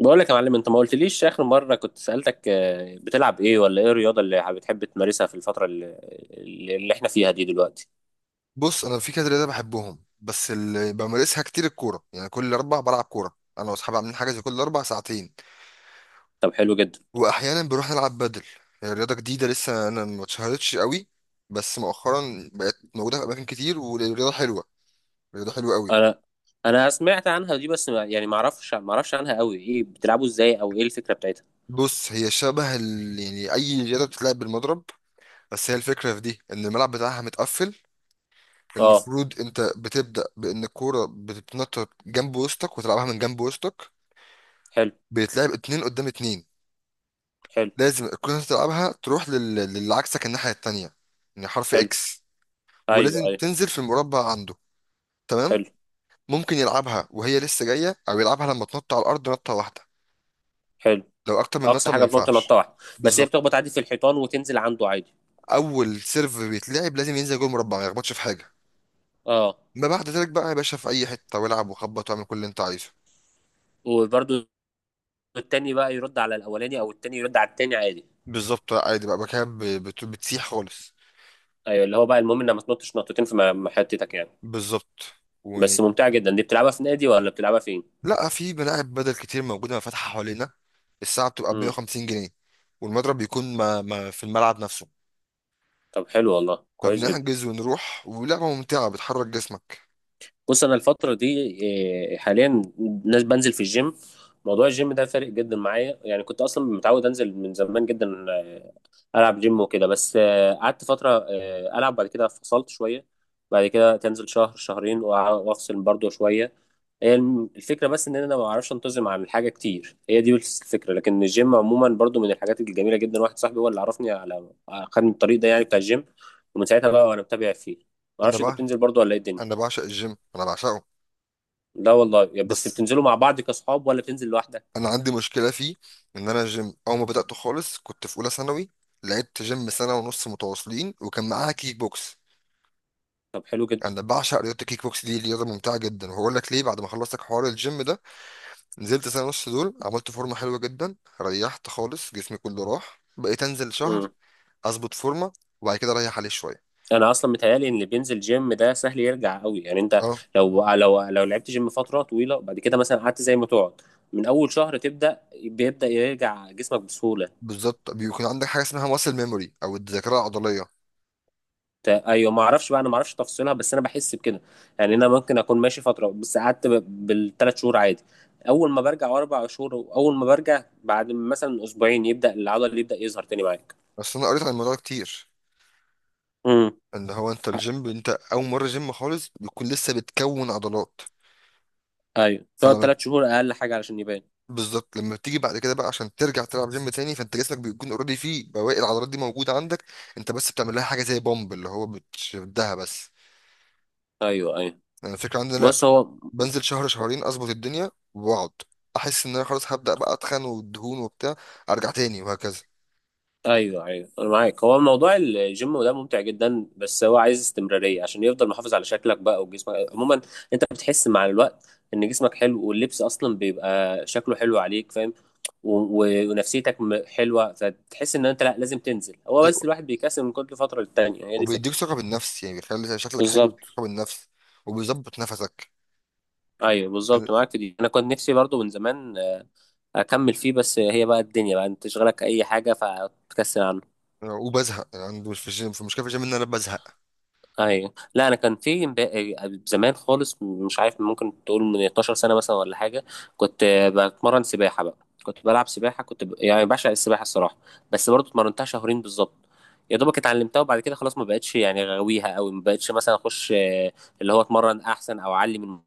بقول لك يا معلم، انت ما قلتليش اخر مره كنت سالتك، بتلعب ايه ولا ايه الرياضه اللي بتحب تمارسها في الفتره اللي احنا فيها دي دلوقتي. بص، انا في كذا رياضه بحبهم، بس اللي بمارسها كتير الكوره. يعني كل اربع بلعب كوره انا واصحابي، عاملين حاجه زي كل اربع ساعتين. طب، حلو جدا. واحيانا بنروح نلعب بدل. هي رياضه جديده لسه، انا ما اتشهرتش قوي، بس مؤخرا بقت موجوده في اماكن كتير، ورياضه حلوه، رياضه حلوه قوي. انا انا سمعت عنها دي، بس ما يعني ما اعرفش ما اعرفش عنها قوي، ايه بتلعبوا ازاي، او ايه الفكره بتاعتها؟ بص، هي شبه يعني اي رياضه بتتلعب بالمضرب. بس هي الفكره في دي ان الملعب بتاعها متقفل. اه. المفروض انت بتبدا بان الكوره بتتنطط جنب وسطك وتلعبها من جنب وسطك. حلو. بيتلعب اتنين قدام اتنين. حلو. لازم تكون انت تلعبها تروح للي عكسك الناحية التانية، يعني حرف حلو. اكس. ايوه ولازم ايوه. تنزل في المربع عنده. تمام. حلو. ممكن يلعبها وهي لسه جاية، او يلعبها لما تنط على الارض نطة واحدة. حلو. لو اكتر من اقصى نطة ما حاجه بتنط نطه ينفعش. واحده. بس هي بالظبط. بتخبط عادي في الحيطان وتنزل عنده عادي. اول سيرف بيتلعب لازم ينزل جوه المربع، ما يخبطش في حاجة. اه. ما بعد ذلك بقى يا باشا في اي حتة، والعب وخبط واعمل كل اللي انت عايزه. وبرده التاني بقى يرد على الاولاني، او التاني يرد على التاني عادي. بالظبط. عادي بقى كده، بتسيح خالص. ايوه، اللي هو بقى المهم انك ما تنطش نطتين في محيطتك يعني. بالظبط. و... بس ممتعة جدا دي، بتلعبها في نادي ولا بتلعبها فين؟ لا، في ملاعب بدل كتير موجوده فاتحه حوالينا. الساعه بتبقى ب امم. 150 جنيه. والمضرب بيكون ما في الملعب نفسه. طب حلو والله، كويس جدا. فبنحجز ونروح، ولعبه ممتعه بتحرك جسمك. بص، انا الفترة دي، إيه، حاليا، ناس بنزل في الجيم. موضوع الجيم ده فارق جدا معايا، يعني كنت اصلا متعود انزل من زمان جدا، العب جيم وكده، بس قعدت فتره، العب بعد كده، فصلت شويه. بعد كده تنزل شهر شهرين وافصل برضو شويه. هي الفكره بس ان انا ما بعرفش انتظم على الحاجه كتير، هي دي بس الفكره. لكن الجيم عموما برضو من الحاجات الجميله جدا، واحد صاحبي هو اللي عرفني على، خدني الطريق ده يعني بتاع الجيم، ومن ساعتها بقى وانا متابع فيه. ما انا اعرفش انت بقى بتنزل برضو ولا ايه الدنيا؟ انا بعشق الجيم، انا بعشقه. لا والله، يا بس بس بتنزلوا مع بعض كاصحاب ولا بتنزل لوحدك؟ انا عندي مشكله فيه. ان انا الجيم اول ما بداته خالص كنت في اولى ثانوي. لعبت جيم سنه ونص متواصلين، وكان معاها كيك بوكس. طب حلو جدا. انا بعشق رياضه الكيك بوكس، دي رياضه ممتعه جدا، وهقول لك ليه. بعد ما خلصت حوار الجيم ده نزلت 1.5 سنة دول، عملت فورمة حلوة جدا، ريحت خالص جسمي كله راح. بقيت انزل شهر اظبط فورمة، وبعد كده اريح عليه شوية. انا اصلا متهيالي ان اللي بينزل جيم ده سهل يرجع قوي، يعني انت اه. لو لعبت جيم فتره طويله، وبعد كده مثلا قعدت زي ما تقعد، من اول شهر تبدا بيبدا يرجع جسمك بسهوله. بالظبط، بيكون عندك حاجة اسمها ماسل ميموري او الذاكرة العضلية. ايوه، ما اعرفش بقى، انا ما اعرفش تفاصيلها بس انا بحس بكده، يعني انا ممكن اكون ماشي فتره، بس قعدت بالثلاث شهور عادي، اول ما برجع اربع شهور، اول ما برجع بعد مثلا اسبوعين يبدا العضل اللي يبدا يظهر تاني معاك. بس انا قريت عن الموضوع ده كتير. امم. ان هو انت الجيم، انت اول مرة جيم خالص بيكون لسه بتكون عضلات. ايوه، تقعد فلما، ثلاث شهور اقل حاجه علشان يبان. بالظبط لما تيجي بعد كده بقى عشان ترجع تلعب جيم تاني، فانت جسمك بيكون اوريدي فيه بواقي العضلات دي موجودة عندك. انت بس بتعمل لها حاجة زي بومب، اللي هو بتشدها بس. ايوه ايوه. انا الفكرة عندنا بص هو. بنزل شهر شهرين، اظبط الدنيا واقعد. احس ان انا خلاص هبدا بقى اتخن، والدهون وبتاع. ارجع تاني، وهكذا. ايوه ايوه، انا معاك. هو موضوع الجيم ده ممتع جدا، بس هو عايز استمراريه عشان يفضل محافظ على شكلك بقى وجسمك عموما. انت بتحس مع الوقت ان جسمك حلو، واللبس اصلا بيبقى شكله حلو عليك، فاهم؟ و- ونفسيتك حلوه، فتحس ان انت لا لازم تنزل، هو بس ايوه. الواحد بيكسل من كل فتره للتانيه، هي دي الفكره. وبيديك ثقه بالنفس، يعني بيخلي شكلك حلو ويديك بالظبط. ثقه بالنفس، وبيظبط نفسك. ايوه، بالظبط أنا- معاك في دي. انا كنت نفسي برضو من زمان اكمل فيه، بس هي بقى الدنيا بقى، انت تشغلك اي حاجه فتكسل عنها. وبزهق. يعني عندي مش في الجيم، في مشكله في الجيم ان انا بزهق. ايوه. لا انا كان في زمان خالص، مش عارف، ممكن تقول من 12 سنه مثلا ولا حاجه. كنت بتمرن سباحه بقى. كنت بلعب سباحه، كنت ب، يعني بعشق السباحه الصراحه، بس برضه اتمرنتها شهرين بالظبط، يا دوبك اتعلمتها، وبعد كده خلاص ما بقتش يعني غاويها قوي، ما بقتش مثلا اخش، اللي هو اتمرن احسن او اعلي من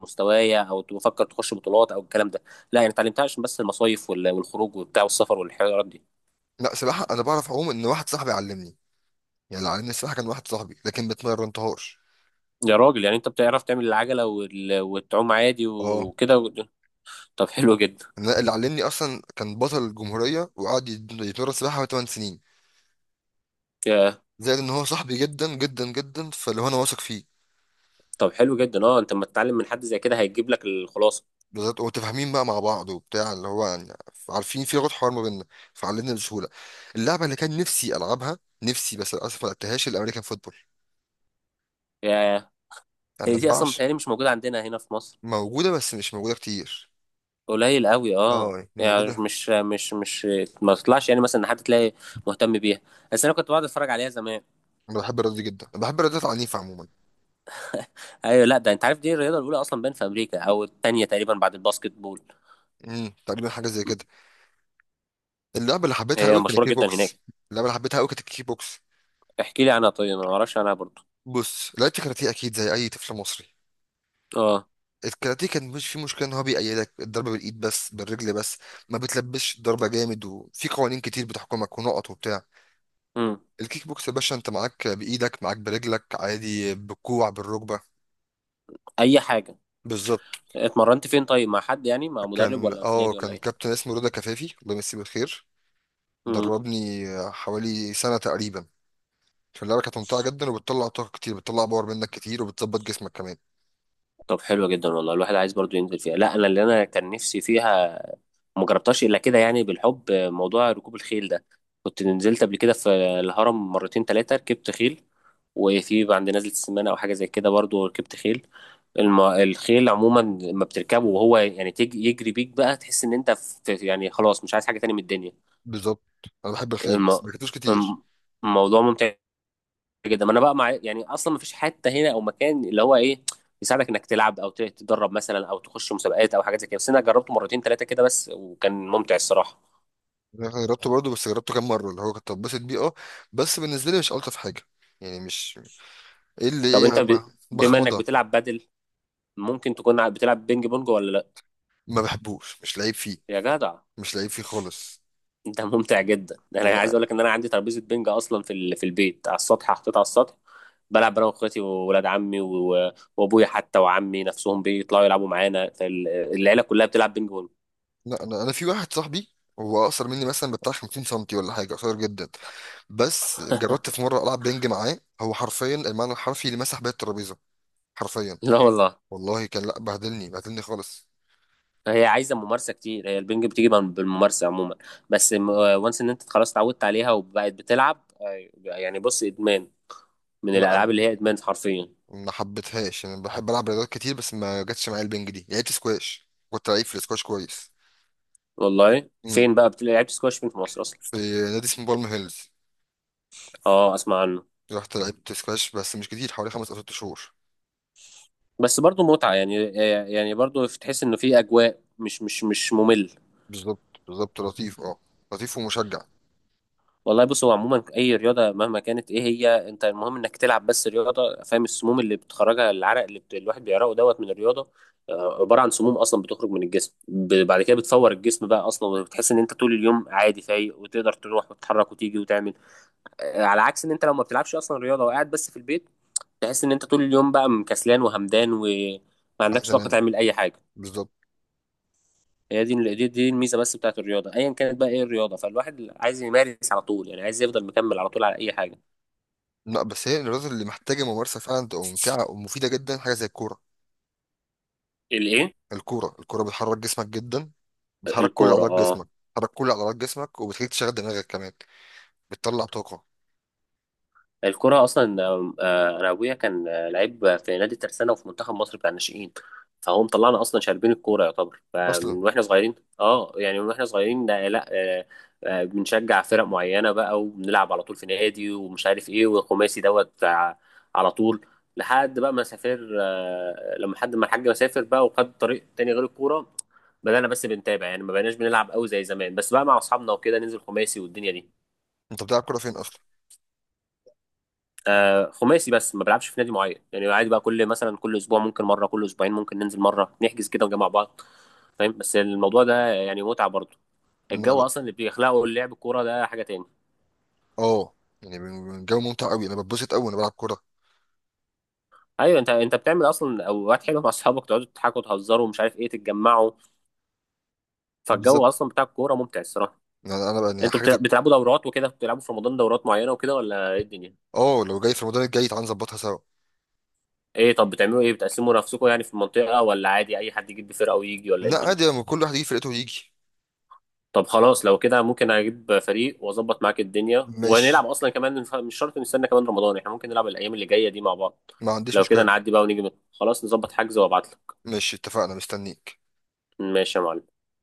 مستوايا، او بفكر تخش بطولات او الكلام ده. لا، يعني اتعلمتها عشان بس المصايف والخروج وبتاع والسفر والحوارات دي. لا، سباحه انا بعرف اعوم، ان واحد صاحبي علمني. يعني اللي علمني السباحه كان واحد صاحبي، لكن ما اتمرنتهاش. يا راجل، يعني انت بتعرف تعمل العجله وتعوم عادي اه. وكده و، طب حلو جدا. أنا اللي علمني اصلا كان بطل الجمهوريه، وقعد يتمرن سباحه 8 سنين. ياه. زائد ان هو صاحبي جدا جدا جدا، فاللي هو انا واثق فيه. طب حلو جدا، اه. انت لما تتعلم من حد زي كده هيجيب لك الخلاصه. بالظبط، ومتفاهمين بقى مع بعض وبتاع، اللي هو يعني عارفين في لغة حوار ما بيننا، فعلمنا بسهولة. اللعبة اللي كان نفسي ألعبها، نفسي بس للأسف ما لعبتهاش، الأمريكان فوتبول. ياه. هي أنا دي اصلا نبعش. متهيألي مش موجوده عندنا هنا في مصر. موجودة بس مش موجودة كتير. قليل قوي، اه اه، يعني يعني موجودة. مش ما تطلعش يعني، مثلا ان حد تلاقي مهتم بيها، بس انا كنت بقعد اتفرج عليها زمان. أنا بحب الرياضة دي جدا، أنا بحب الرياضات العنيفة عموما. ايوه، لا ده انت عارف، دي الرياضه الاولى اصلا باين في امريكا، او الثانيه تقريبا بعد الباسكت بول. امم، تقريبا حاجة زي كده. اللعبة اللي حبيتها هي قوي كانت مشهوره الكيك جدا بوكس. هناك. اللعبة اللي حبيتها قوي كانت الكيك بوكس. احكي لي عنها طيب، انا ما اعرفش عنها برضو. بص، لعبت كاراتيه أكيد زي أي طفل مصري. اه. الكاراتيه كان مش في مشكله، ان هو بيأيدك الضربه بالايد بس بالرجل بس. ما بتلبسش الضربه جامد، وفي قوانين كتير بتحكمك، ونقط وبتاع. امم. الكيك بوكس يا باشا انت معاك بايدك، معاك برجلك، عادي بالكوع بالركبه. اي حاجه. بالظبط. اتمرنت فين طيب، مع حد يعني، مع مدرب كان ولا في اه نادي كان ولا كابتن اسمه رضا كفافي، الله يمسيه بالخير. ايه؟ دربني حوالي سنه تقريبا في اللعبه. كانت ممتعه جدا، وبتطلع طاقه كتير، بتطلع باور منك كتير، وبتظبط جسمك كمان. طب حلوة جدا والله، الواحد عايز برضو ينزل فيها. لا انا انا كان نفسي فيها، ما جربتهاش الا كده، يعني بالحب موضوع ركوب الخيل ده. كنت نزلت قبل كده في الهرم مرتين ثلاثة، ركبت خيل، وفي عند نزلة السمانة او حاجة زي كده برضو ركبت خيل. الخيل عموما لما بتركبه، وهو يعني يجري بيك بقى، تحس ان انت في، يعني خلاص مش عايز حاجة تاني من الدنيا. بالظبط. انا بحب الخيل، الم... بس ما ركبتوش كتير. الم- الموضوع ممتع جدا. ما انا بقى مع، يعني اصلا ما فيش حته هنا او مكان اللي هو ايه يساعدك انك تلعب تتدرب مثلا، او تخش مسابقات او حاجات زي كده. بس انا جربته مرتين ثلاثه كده بس، وكان ممتع الصراحه. انا جربته برضه، بس جربته كام مره اللي هو كنت اتبسط بيه، اه. بس بالنسبه لي مش الطف حاجه. يعني مش ايه اللي طب انت ايه، ب، بما انك بخمضه. بتلعب بادل، ممكن تكون بتلعب بينج بونج ولا لا؟ ما بحبوش مش لعيب فيه. يا جدع، مش لعيب فيه خالص. انت ممتع جدا. انا والله. عايز اقول لك ان انا عندي ترابيزه بينج اصلا في ال، في البيت على السطح، حطيتها على السطح. بلعب انا واخواتي وولاد عمي و، وابويا حتى، وعمي نفسهم بيطلعوا يلعبوا معانا، فالعيله كلها بتلعب بينج بونج. لا، انا في واحد صاحبي هو اقصر مني، مثلا بتاع 50 سنتي ولا حاجه، قصير جدا. بس جربت في مره العب بينج معاه، هو حرفيا، المعنى الحرفي، اللي مسح بيا الترابيزه. حرفيا، لا والله. والله كان، لا بهدلني، بهدلني خالص. هي عايزه ممارسه كتير، هي البنج بتيجي بالممارسه عموما. بس وانس ان انت خلاص اتعودت عليها وبقت بتلعب، يعني بص ادمان، من لا. أنا الالعاب اللي هي ادمان حرفيا. ما حبيتهاش. انا بحب العب رياضات كتير، بس ما جاتش معايا البنج دي. لعبت سكواش، كنت لعيب في السكواش كويس. والله إمم. فين بقى بتلاقي، لعبت سكواش فين في مصر اصلا؟ في نادي اسمه بالم هيلز، اه اسمع عنه. رحت لعبت سكواش بس مش كتير، حوالي خمس او ست شهور. بس برضو متعه يعني، يعني برضو تحس انه في اجواء مش ممل. بالظبط. بالظبط لطيف، اه. لطيف ومشجع. والله بص، هو عموما اي رياضه مهما كانت ايه هي، انت المهم انك تلعب بس رياضه، فاهم؟ السموم اللي بتخرجها، العرق اللي الواحد بيعرقه دوت من الرياضه، عباره عن سموم اصلا بتخرج من الجسم ب، بعد كده بتفور الجسم بقى اصلا، وبتحس ان انت طول اليوم عادي فايق، وتقدر تروح وتتحرك وتيجي وتعمل، على عكس ان انت لو ما بتلعبش اصلا رياضه، وقاعد بس في البيت، تحس ان انت طول اليوم بقى مكسلان وهمدان، وما عندكش عايز طاقه انام. تعمل اي حاجه. بالظبط. هي دي الميزه بس بتاعت الرياضه ايا كانت بقى ايه الرياضه، فالواحد عايز يمارس على طول يعني، عايز يفضل مكمل على طول على اي حاجه. لا بس هي الرياضة اللي محتاجة ممارسة فعلا تبقى ممتعة ومفيدة جدا، حاجة زي الكورة. الايه؟ الكورة. الكورة بتحرك جسمك جدا، بتحرك كل الكوره؟ عضلات اه، جسمك. بتحرك كل عضلات جسمك، وبتخليك تشغل دماغك كمان. بتطلع طاقة. الكوره اصلا، انا ابويا كان لعيب في نادي الترسانه، وفي منتخب مصر بتاع الناشئين، فهو مطلعنا اصلا شاربين الكوره يعتبر، فمن أصلا. واحنا صغيرين. اه، يعني من واحنا صغيرين، لا، آه، بنشجع فرق معينه بقى، وبنلعب على طول في نادي، ومش عارف ايه، والخماسي دوت على طول، لحد بقى ما سافر، لما حد ما الحاج سافر بقى وخد طريق تاني غير الكوره، بدأنا بس بنتابع يعني، ما بقيناش بنلعب قوي زي زمان، بس بقى مع اصحابنا وكده ننزل خماسي والدنيا دي. أنت بتلعب كورة فين أصلا؟ آه، خماسي بس ما بلعبش في نادي معين يعني، عادي بقى، كل مثلا كل اسبوع ممكن مره، كل اسبوعين ممكن ننزل مره، نحجز كده ونجمع بعض. فاهم؟ بس الموضوع ده يعني متعه برضه. لا الجو لا. اصلا اللي بيخلقه اللعب الكوره ده حاجه تاني. اه، يعني من جو ممتع أوي، أنا بتبسط أوي وأنا بلعب كورة. ايوه، انت بتعمل اصلا اوقات حلوه مع اصحابك، تقعدوا تضحكوا تهزروا ومش عارف ايه، تتجمعوا، فالجو بالظبط. اصلا بتاع الكوره ممتع الصراحه. أنا بقى، يعني انتوا حاجة زي. بتلعبوا دورات وكده، بتلعبوا في رمضان دورات معينه وكده، ولا ايه الدنيا؟ اه لو جاي في رمضان الجاي تعالى نظبطها سوا. ايه، طب بتعملوا ايه، بتقسموا نفسكم يعني في المنطقه، ولا عادي اي حد يجيب فرقه ويجي، ولا ايه لا الدنيا؟ عادي، لما كل واحد يجي فرقته يجي. طب خلاص لو كده، ممكن اجيب فريق واظبط معاك الدنيا ونلعب ماشي، اصلا كمان، مش شرط نستنى كمان رمضان، احنا ممكن نلعب الايام اللي جايه دي مع بعض. ما عنديش لو كده مشكلة. نعدي بقى ونيجي خلاص نظبط حجز وابعت لك. ماشي اتفقنا، مستنيك. ماشي يا معلم.